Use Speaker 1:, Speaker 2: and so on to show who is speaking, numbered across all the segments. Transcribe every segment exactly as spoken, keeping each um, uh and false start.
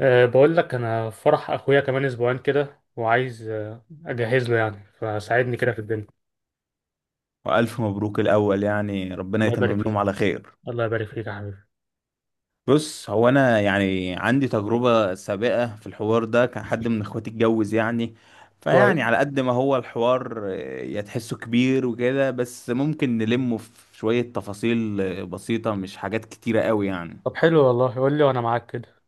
Speaker 1: أه بقول لك انا فرح اخويا كمان اسبوعين كده وعايز آه، اجهز له يعني فساعدني كده في الدنيا.
Speaker 2: وألف مبروك الأول. يعني ربنا
Speaker 1: الله يبارك
Speaker 2: يتمم لهم
Speaker 1: فيك.
Speaker 2: على خير.
Speaker 1: الله يبارك فيك يا حبيبي.
Speaker 2: بص، هو أنا يعني عندي تجربة سابقة في الحوار ده، كان حد من إخواتي اتجوز يعني،
Speaker 1: كويس.
Speaker 2: فيعني على قد ما هو الحوار آه، يتحسه كبير وكده، بس ممكن نلمه في شوية تفاصيل آه، بسيطة، مش حاجات كتيرة قوي يعني.
Speaker 1: طب حلو والله قول لي وانا معاك كده.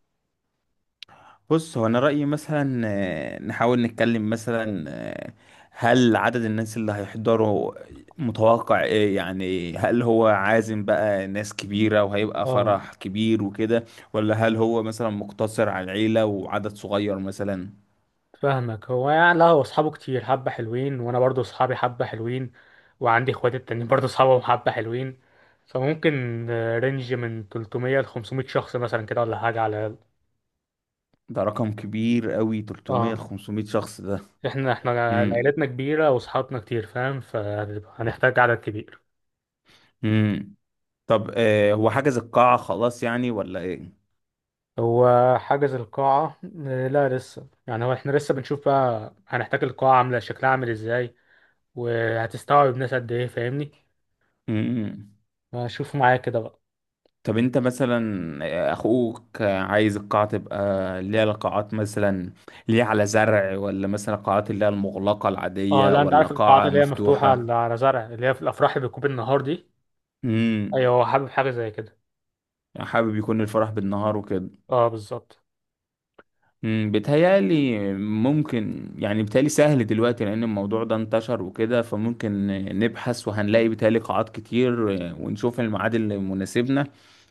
Speaker 2: بص، هو انا رايي مثلا آه، نحاول نتكلم مثلا، آه، هل عدد الناس اللي هيحضروا متوقع ايه يعني؟ هل هو عازم بقى ناس كبيره وهيبقى
Speaker 1: اه،
Speaker 2: فرح كبير وكده، ولا هل هو مثلا مقتصر على العيله وعدد صغير مثلا؟
Speaker 1: فاهمك. هو يعني لا، هو اصحابه كتير حبه حلوين، وانا برضو اصحابي حبه حلوين، وعندي اخواتي التانيين برضو اصحابهم حبه حلوين، فممكن آه، رينج من ثلاثمية ل خمسمية شخص مثلا كده ولا حاجه على الاقل.
Speaker 2: ده رقم كبير قوي، ثلاثمية ل
Speaker 1: اه.
Speaker 2: خمسمية شخص ده.
Speaker 1: احنا احنا
Speaker 2: امم.
Speaker 1: عائلتنا كبيره واصحابنا كتير، فاهم؟ فهنحتاج عدد كبير.
Speaker 2: امم. طب آه، هو حجز القاعه خلاص يعني ولا ايه؟
Speaker 1: هو حجز القاعة آه، لا لسه، يعني هو احنا لسه بنشوف بقى هنحتاج القاعة عاملة شكلها عامل ازاي وهتستوعب ناس قد ايه، فاهمني؟
Speaker 2: امم.
Speaker 1: شوف معايا كده بقى.
Speaker 2: طب انت مثلا اخوك عايز القاعة تبقى ليها قاعات مثلا، ليها على زرع، ولا مثلا قاعات اللي هي المغلقة
Speaker 1: اه
Speaker 2: العادية،
Speaker 1: لا، انت
Speaker 2: ولا
Speaker 1: عارف القاعات
Speaker 2: قاعة
Speaker 1: اللي هي مفتوحة على
Speaker 2: مفتوحة؟
Speaker 1: على زرع، اللي هي في الافراح اللي بتكون بالنهار دي. ايوه،
Speaker 2: امم.
Speaker 1: هو حابب حاجة زي كده.
Speaker 2: حابب يكون الفرح بالنهار وكده.
Speaker 1: اه بالظبط.
Speaker 2: امم، بيتهيألي ممكن يعني بيتهيألي سهل دلوقتي، لأن الموضوع ده انتشر وكده، فممكن نبحث وهنلاقي بيتهيألي قاعات كتير، ونشوف الميعاد اللي مناسبنا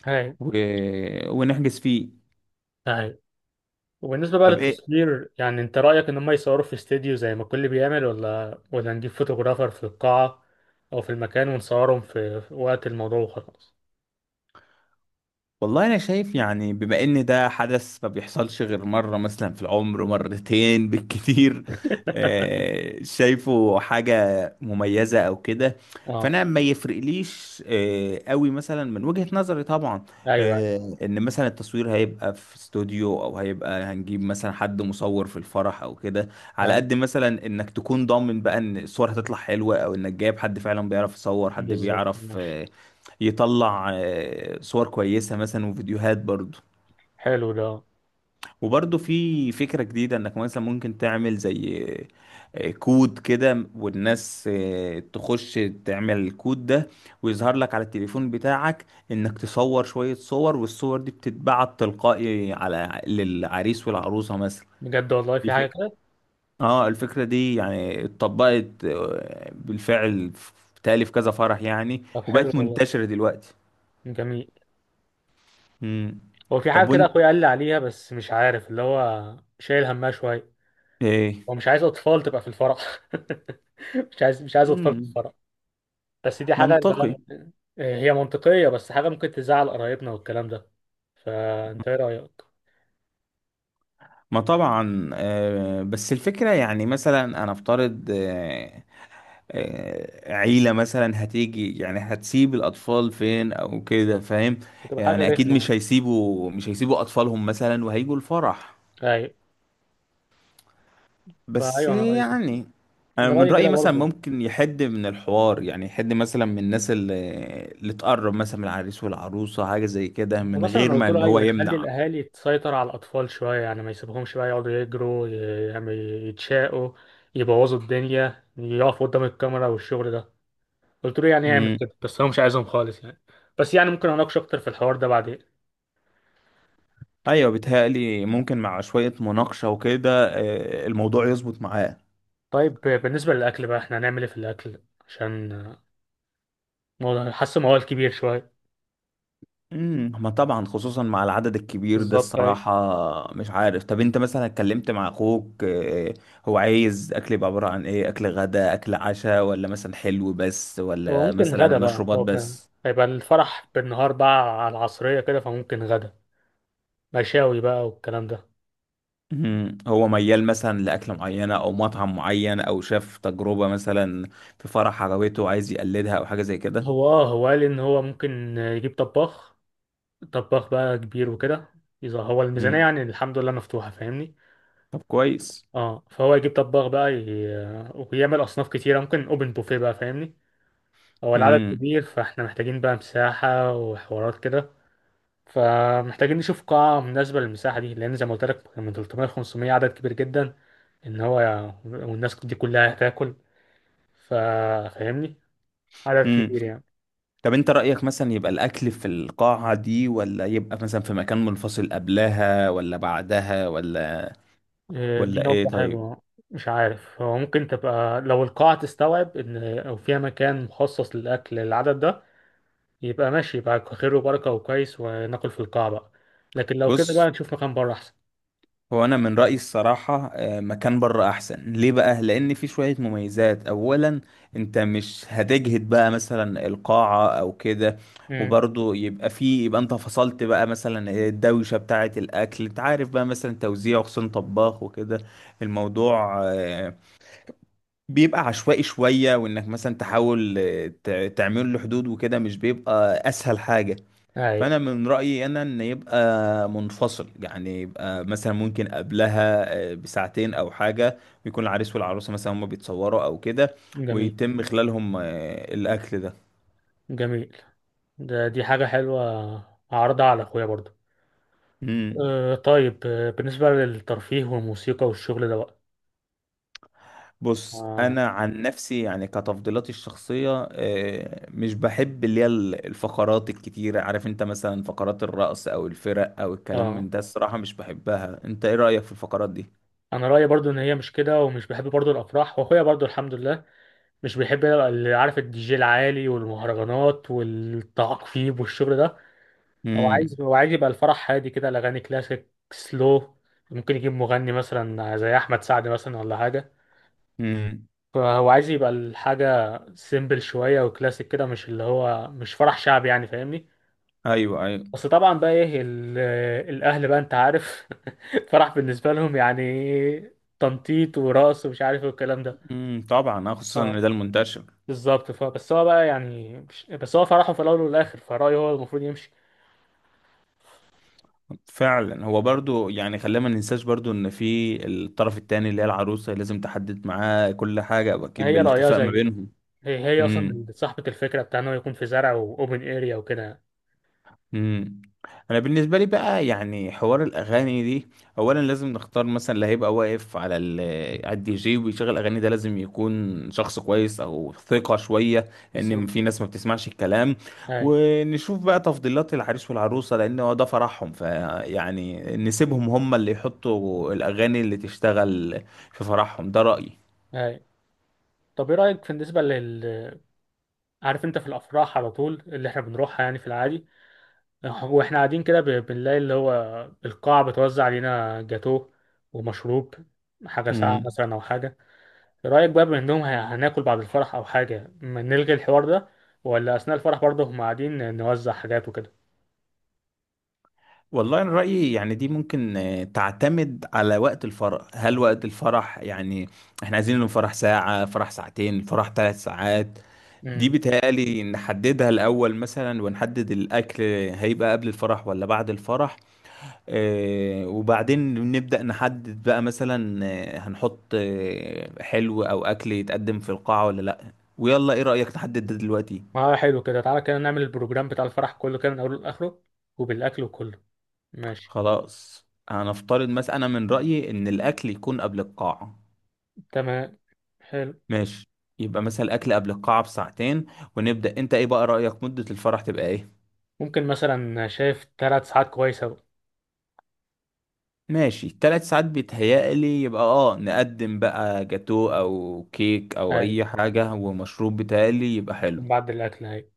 Speaker 1: ايوه
Speaker 2: و... ونحجز فيه.
Speaker 1: ايوه. وبالنسبة بقى
Speaker 2: طب ايه؟
Speaker 1: للتصوير، يعني انت رأيك ان هم يصوروا في استديو زي ما الكل بيعمل، ولا ولا نجيب فوتوغرافر في القاعة او في المكان ونصورهم في في وقت الموضوع وخلاص؟
Speaker 2: والله انا شايف يعني، بما ان ده حدث ما بيحصلش غير مره مثلا في العمر، مرتين بالكتير، آه، شايفه حاجه مميزه او كده.
Speaker 1: اه
Speaker 2: فانا ما يفرقليش آه، قوي مثلا من وجهه نظري طبعا،
Speaker 1: ايوه
Speaker 2: آه، ان مثلا التصوير هيبقى في استوديو، او هيبقى هنجيب مثلا حد مصور في الفرح او كده. على
Speaker 1: ايوه
Speaker 2: قد مثلا انك تكون ضامن بقى ان الصور هتطلع حلوه، او انك جايب حد فعلا بيعرف يصور، حد
Speaker 1: بالظبط
Speaker 2: بيعرف
Speaker 1: ماشي.
Speaker 2: آه، يطلع آه، صور كويسة مثلا وفيديوهات برضو.
Speaker 1: حلو ده
Speaker 2: وبرضو في فكرة جديدة انك مثلا ممكن تعمل زي آه، كود كده، والناس آه، تخش تعمل الكود ده، ويظهر لك على التليفون بتاعك انك تصور شوية صور، والصور دي بتتبعت تلقائي على للعريس والعروسة مثلا.
Speaker 1: بجد، والله
Speaker 2: دي
Speaker 1: في حاجة
Speaker 2: فكرة.
Speaker 1: كده.
Speaker 2: اه، الفكرة دي يعني اتطبقت آه، بالفعل في- بتهيألي في كذا فرح يعني،
Speaker 1: طب حلو
Speaker 2: وبقت
Speaker 1: والله،
Speaker 2: منتشرة دلوقتي.
Speaker 1: جميل.
Speaker 2: مم.
Speaker 1: هو في حاجة
Speaker 2: طب
Speaker 1: كده
Speaker 2: وانت
Speaker 1: أخويا قال لي عليها، بس مش عارف، اللي هو شايل همها شوية.
Speaker 2: ايه؟
Speaker 1: هو مش عايز أطفال تبقى في الفرح. مش عايز مش عايز أطفال في
Speaker 2: مم.
Speaker 1: الفرح. بس دي حاجة اللي هو
Speaker 2: منطقي.
Speaker 1: ممكن- هي منطقية، بس حاجة ممكن تزعل قرايبنا والكلام ده. فأنت إيه رأيك؟
Speaker 2: ما طبعا آه، بس الفكرة يعني مثلا أنا أفترض آه، آه، عيلة مثلا هتيجي يعني هتسيب الأطفال فين أو كده، فاهم؟
Speaker 1: بتبقى حاجة
Speaker 2: يعني أكيد
Speaker 1: رخمة.
Speaker 2: مش هيسيبوا مش هيسيبوا أطفالهم مثلا وهيجوا الفرح،
Speaker 1: أيوة.
Speaker 2: بس
Speaker 1: فأيوه أنا رأيي كده.
Speaker 2: يعني. أنا
Speaker 1: أنا
Speaker 2: من
Speaker 1: رأيي كده
Speaker 2: رأيي مثلا
Speaker 1: برضه.
Speaker 2: ممكن يحد من الحوار يعني، يحد مثلا من الناس اللي, اللي تقرب مثلا من العريس والعروسة، حاجة زي كده، من
Speaker 1: ومثلا انا
Speaker 2: غير
Speaker 1: قلت
Speaker 2: ما إن
Speaker 1: له
Speaker 2: هو
Speaker 1: ايوه يخلي
Speaker 2: يمنع.
Speaker 1: الاهالي تسيطر على الاطفال شويه، يعني ما يسيبهمش بقى يقعدوا يجروا ي- يعني يتشاقوا، يبوظوا الدنيا، يقفوا قدام الكاميرا والشغل ده. قلت له يعني يعمل كده، بس هو مش عايزهم خالص يعني. بس يعني ممكن اناقش اكتر في الحوار ده بعدين.
Speaker 2: ايوه، بيتهيألي ممكن مع شوية مناقشة وكده آه، الموضوع يظبط معاه.
Speaker 1: طيب بالنسبه للاكل بقى، احنا هنعمل ايه في الاكل؟ عشان موضوع- حاسه موال كبير شويه.
Speaker 2: امم. ما طبعا، خصوصا مع العدد الكبير ده
Speaker 1: بالظبط ايوه.
Speaker 2: الصراحة، مش عارف. طب انت مثلا اتكلمت مع اخوك آه، هو عايز اكل يبقى عبارة عن ايه؟ اكل غدا، اكل عشاء، ولا مثلا حلو بس،
Speaker 1: هو
Speaker 2: ولا
Speaker 1: ممكن
Speaker 2: مثلا
Speaker 1: غدا بقى،
Speaker 2: مشروبات
Speaker 1: هو بنا-
Speaker 2: بس؟
Speaker 1: هيبقى الفرح بالنهار بقى على العصريه كده، فممكن غدا مشاوي بقى والكلام ده.
Speaker 2: امم. هو ميال مثلا لأكلة معينة او مطعم معين، او شاف تجربة مثلا في فرح عجبته عايز يقلدها، او حاجة زي كده؟
Speaker 1: هو اه، هو قال ان هو ممكن يجيب طباخ. طباخ بقى كبير وكده. اذا هو الميزانية
Speaker 2: امم.
Speaker 1: يعني الحمد لله مفتوحة، فاهمني.
Speaker 2: طب كويس.
Speaker 1: اه، فهو يجيب طباخ بقى ي... ويعمل اصناف كتيرة، ممكن اوبن بوفيه بقى، فاهمني. هو العدد
Speaker 2: امم.
Speaker 1: كبير، فاحنا محتاجين بقى مساحة وحوارات كده. فمحتاجين نشوف قاعة مناسبة للمساحة دي، لأن زي ما قلت لك من ثلاث مية ل خمسمية عدد كبير جدا. إن هو والناس دي كلها هتاكل، فا- فاهمني؟ عدد
Speaker 2: مم.
Speaker 1: كبير يعني.
Speaker 2: طب انت رأيك مثلا يبقى الأكل في القاعة دي، ولا يبقى مثلا في مكان منفصل قبلها ولا بعدها، ولا
Speaker 1: آه، دي
Speaker 2: ولا ايه
Speaker 1: نقطة
Speaker 2: طيب؟
Speaker 1: حلوة. مش عارف، هو ممكن تبقى لو القاعة تستوعب إن أو فيها مكان مخصص للأكل للعدد ده، يبقى ماشي، يبقى خير وبركة وكويس وناكل في القاعة بقى. لكن لو كده
Speaker 2: بص،
Speaker 1: بقى نشوف مكان بره أحسن.
Speaker 2: هو انا من رأيي الصراحة آه، مكان بره احسن. ليه بقى؟ لان في شوية مميزات. اولا، انت مش هتجهد بقى مثلا القاعة او كده.
Speaker 1: امم
Speaker 2: وبرضه يبقى في، يبقى انت فصلت بقى مثلا إيه الدوشة بتاعة الاكل، انت عارف بقى مثلا توزيع، خصوصا طباخ وكده. الموضوع آه، بيبقى عشوائي شوية، وإنك مثلا تحاول آه، ت- تعمل له حدود وكده مش بيبقى أسهل حاجة.
Speaker 1: أي
Speaker 2: فأنا من رأيي أنا إن يبقى منفصل يعني، يبقى مثلا ممكن قبلها آه، بساعتين أو حاجة، ويكون العريس والعروسة مثلا هما بيتصوروا أو كده،
Speaker 1: جميل
Speaker 2: ويتم خلالهم آه، الأكل ده.
Speaker 1: جميل. ده دي حاجة حلوة، هعرضها على أخويا برضو.
Speaker 2: مم.
Speaker 1: أه طيب، آه، بالنسبة للترفيه والموسيقى والشغل ده بقى.
Speaker 2: بص،
Speaker 1: آه,
Speaker 2: انا عن نفسي يعني كتفضيلاتي الشخصيه آه، مش بحب اللي هي ال- الفقرات الكتيره، عارف انت مثلا فقرات الرقص او الفرق او الكلام
Speaker 1: آه
Speaker 2: من ده، الصراحه مش بحبها. انت ايه رايك في الفقرات دي؟
Speaker 1: أنا رأيي برضو إن هي مش كده، ومش بحب برضو الأفراح، وأخويا برضو الحمد لله مش بيحب، يبقى اللي عارف الدي جي العالي والمهرجانات والتعقيب والشغل ده. هو عايز
Speaker 2: امم.
Speaker 1: هو عايز يبقى الفرح هادي كده، الأغاني كلاسيك سلو. ممكن يجيب مغني مثلا زي أحمد سعد مثلا ولا حاجة.
Speaker 2: امم.
Speaker 1: فهو عايز يبقى الحاجة سيمبل شوية وكلاسيك كده، مش اللي هو مش فرح شعبي يعني فاهمني.
Speaker 2: ايوه، ايوه.
Speaker 1: بس طبعا بقى ايه ال- الأهل بقى أنت عارف. فرح بالنسبة لهم يعني إيه، تنطيط ورقص ومش عارف إيه والكلام ده.
Speaker 2: امم، طبعا آه، خصوصا
Speaker 1: آه.
Speaker 2: ان ده المنتشر.
Speaker 1: بالظبط. فبس هو بقى يعني مش... بس هو فرحه في الاول والاخر، فرأيه هو المفروض يمشي.
Speaker 2: فعلا. هو برضو يعني خلينا ما ننساش برضو ان في الطرف التاني اللي هي العروسه، لازم تحدد معاه كل حاجه،
Speaker 1: ما
Speaker 2: واكيد
Speaker 1: هي رأيها
Speaker 2: بالاتفاق ما
Speaker 1: زي.
Speaker 2: بينهم.
Speaker 1: هي هي اصلا
Speaker 2: امم.
Speaker 1: اللي صاحبة الفكرة بتاع انه يكون في زرع واوبن اريا وكده.
Speaker 2: امم. انا بالنسبه لي بقى يعني حوار الاغاني دي، اولا لازم نختار مثلا اللي هيبقى واقف على ال- على الدي جي ويشغل اغاني ده، لازم يكون شخص كويس او ثقه شويه، لان
Speaker 1: بالظبط.
Speaker 2: في ناس ما بتسمعش الكلام.
Speaker 1: هاي
Speaker 2: ونشوف بقى تفضيلات العريس والعروسه، لان هو ده فرحهم، فيعني نسيبهم هم اللي يحطوا الاغاني اللي تشتغل في فرحهم. ده رايي.
Speaker 1: هاي. طب ايه رأيك في بالنسبة لل. عارف انت في الافراح على طول اللي احنا بنروحها يعني في العادي، واحنا قاعدين كده ب- بنلاقي اللي هو القاعة بتوزع علينا جاتوه ومشروب، حاجة ساقعة مثلا او حاجة. رأيك بقى بما انهم ه- هناكل بعد الفرح او حاجة، ما نلغي الحوار ده، ولا اثناء الفرح برضه هم قاعدين نوزع حاجات وكده؟
Speaker 2: والله أنا رأيي يعني دي ممكن آه، تعتمد على وقت الفرح. هل وقت الفرح يعني احنا عايزين إنه فرح ساعة، فرح ساعتين، فرح ثلاث ساعات؟ دي
Speaker 1: امم.
Speaker 2: بتهيألي نحددها الأول مثلا، ونحدد الأكل هيبقى قبل الفرح ولا بعد الفرح. آه، وبعدين نبدأ نحدد بقى مثلا آه، هنحط آه، حلو أو أكل يتقدم في القاعة ولا لأ. ويلا إيه رأيك نحدد ده دلوقتي.
Speaker 1: اه حلو كده، تعالى كده نعمل البروجرام بتاع الفرح كله كده من اوله لاخره، وبالاكل وكله. ماشي
Speaker 2: خلاص، هنفترض مثلا أنا من رأيي إن الأكل يكون قبل القاعة.
Speaker 1: تمام. حلو.
Speaker 2: ماشي. يبقى مثلا الاكل قبل القاعه بساعتين. ونبدا، انت ايه بقى رايك مده الفرح تبقى ايه؟
Speaker 1: ممكن مثلا، شايف ثلاث ساعات كويسة بقى.
Speaker 2: ماشي، ثلاث ساعات بيتهيألي يبقى اه. نقدم بقى جاتو او كيك او
Speaker 1: اي،
Speaker 2: اي حاجه ومشروب، بيتهيألي يبقى حلو.
Speaker 1: بعد الاكل اي.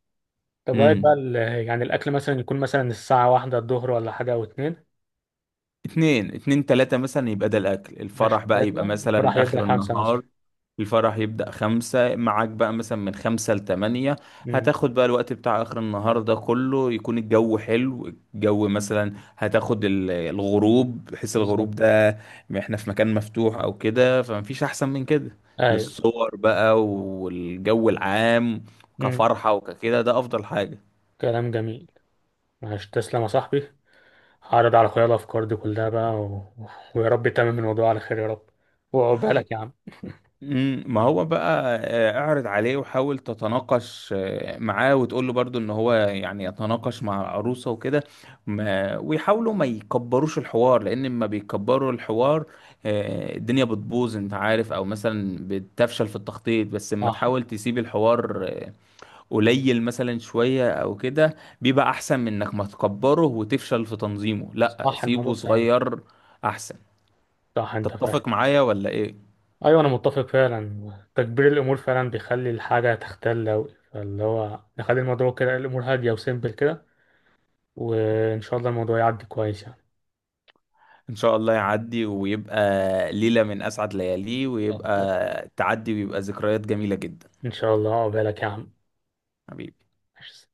Speaker 1: طب رأيك بقى
Speaker 2: امم.
Speaker 1: ال- يعني الاكل مثلا يكون مثلا الساعة واحدة الظهر ولا حاجة، او اتنين.
Speaker 2: اتنين، اتنين تلاتة مثلا يبقى ده الاكل،
Speaker 1: ماشي،
Speaker 2: الفرح بقى يبقى
Speaker 1: ثلاثة الفرح
Speaker 2: مثلا
Speaker 1: يبدأ
Speaker 2: اخر
Speaker 1: خمسة مثلا.
Speaker 2: النهار. الفرح يبدأ خمسة، معاك بقى مثلا من خمسة لتمانية.
Speaker 1: امم
Speaker 2: هتاخد بقى الوقت بتاع آخر النهار ده كله يكون الجو حلو. الجو مثلا هتاخد ال- الغروب، بحيث الغروب
Speaker 1: بالظبط
Speaker 2: ده احنا في مكان مفتوح أو كده، فمفيش أحسن من كده
Speaker 1: ايوه
Speaker 2: للصور بقى والجو العام.
Speaker 1: امم.
Speaker 2: كفرحة وككده ده أفضل حاجة.
Speaker 1: كلام جميل. معلش تسلم يا صاحبي. هعرض على اخويا الافكار دي كلها بقى و... ويا رب يتمم الموضوع على خير يا رب، وعقبالك يا عم.
Speaker 2: مم، ما هو بقى آه، اعرض عليه وحاول تتناقش آه، معاه، وتقول له برضو ان هو يعني يتناقش مع العروسة وكده، ما- ويحاولوا ما يكبروش الحوار. لان لما بيكبروا الحوار آه، الدنيا بتبوظ، انت عارف، او مثلا بتفشل في التخطيط. بس لما
Speaker 1: صح.
Speaker 2: تحاول تسيب الحوار آه، قليل مثلا شوية او كده، بيبقى احسن من انك ما تكبره وتفشل في تنظيمه. لا،
Speaker 1: صح،
Speaker 2: سيبه
Speaker 1: الموضوع سهل.
Speaker 2: صغير احسن.
Speaker 1: صح انت فاهم.
Speaker 2: تتفق معايا ولا ايه؟
Speaker 1: ايوه انا متفق، فعلا تكبير الامور فعلا بيخلي الحاجه تختل اوي، فاللي هو نخلي الموضوع كده الامور هاديه وسيمبل كده. وان شاء الله الموضوع يعدي كويس يعني.
Speaker 2: ان شاء الله يعدي، ويبقى ليلة من اسعد لياليه، ويبقى تعدي، ويبقى ذكريات جميلة جدا.
Speaker 1: ان شاء الله عقبالك يا عم.
Speaker 2: حبيبي.
Speaker 1: ماشي.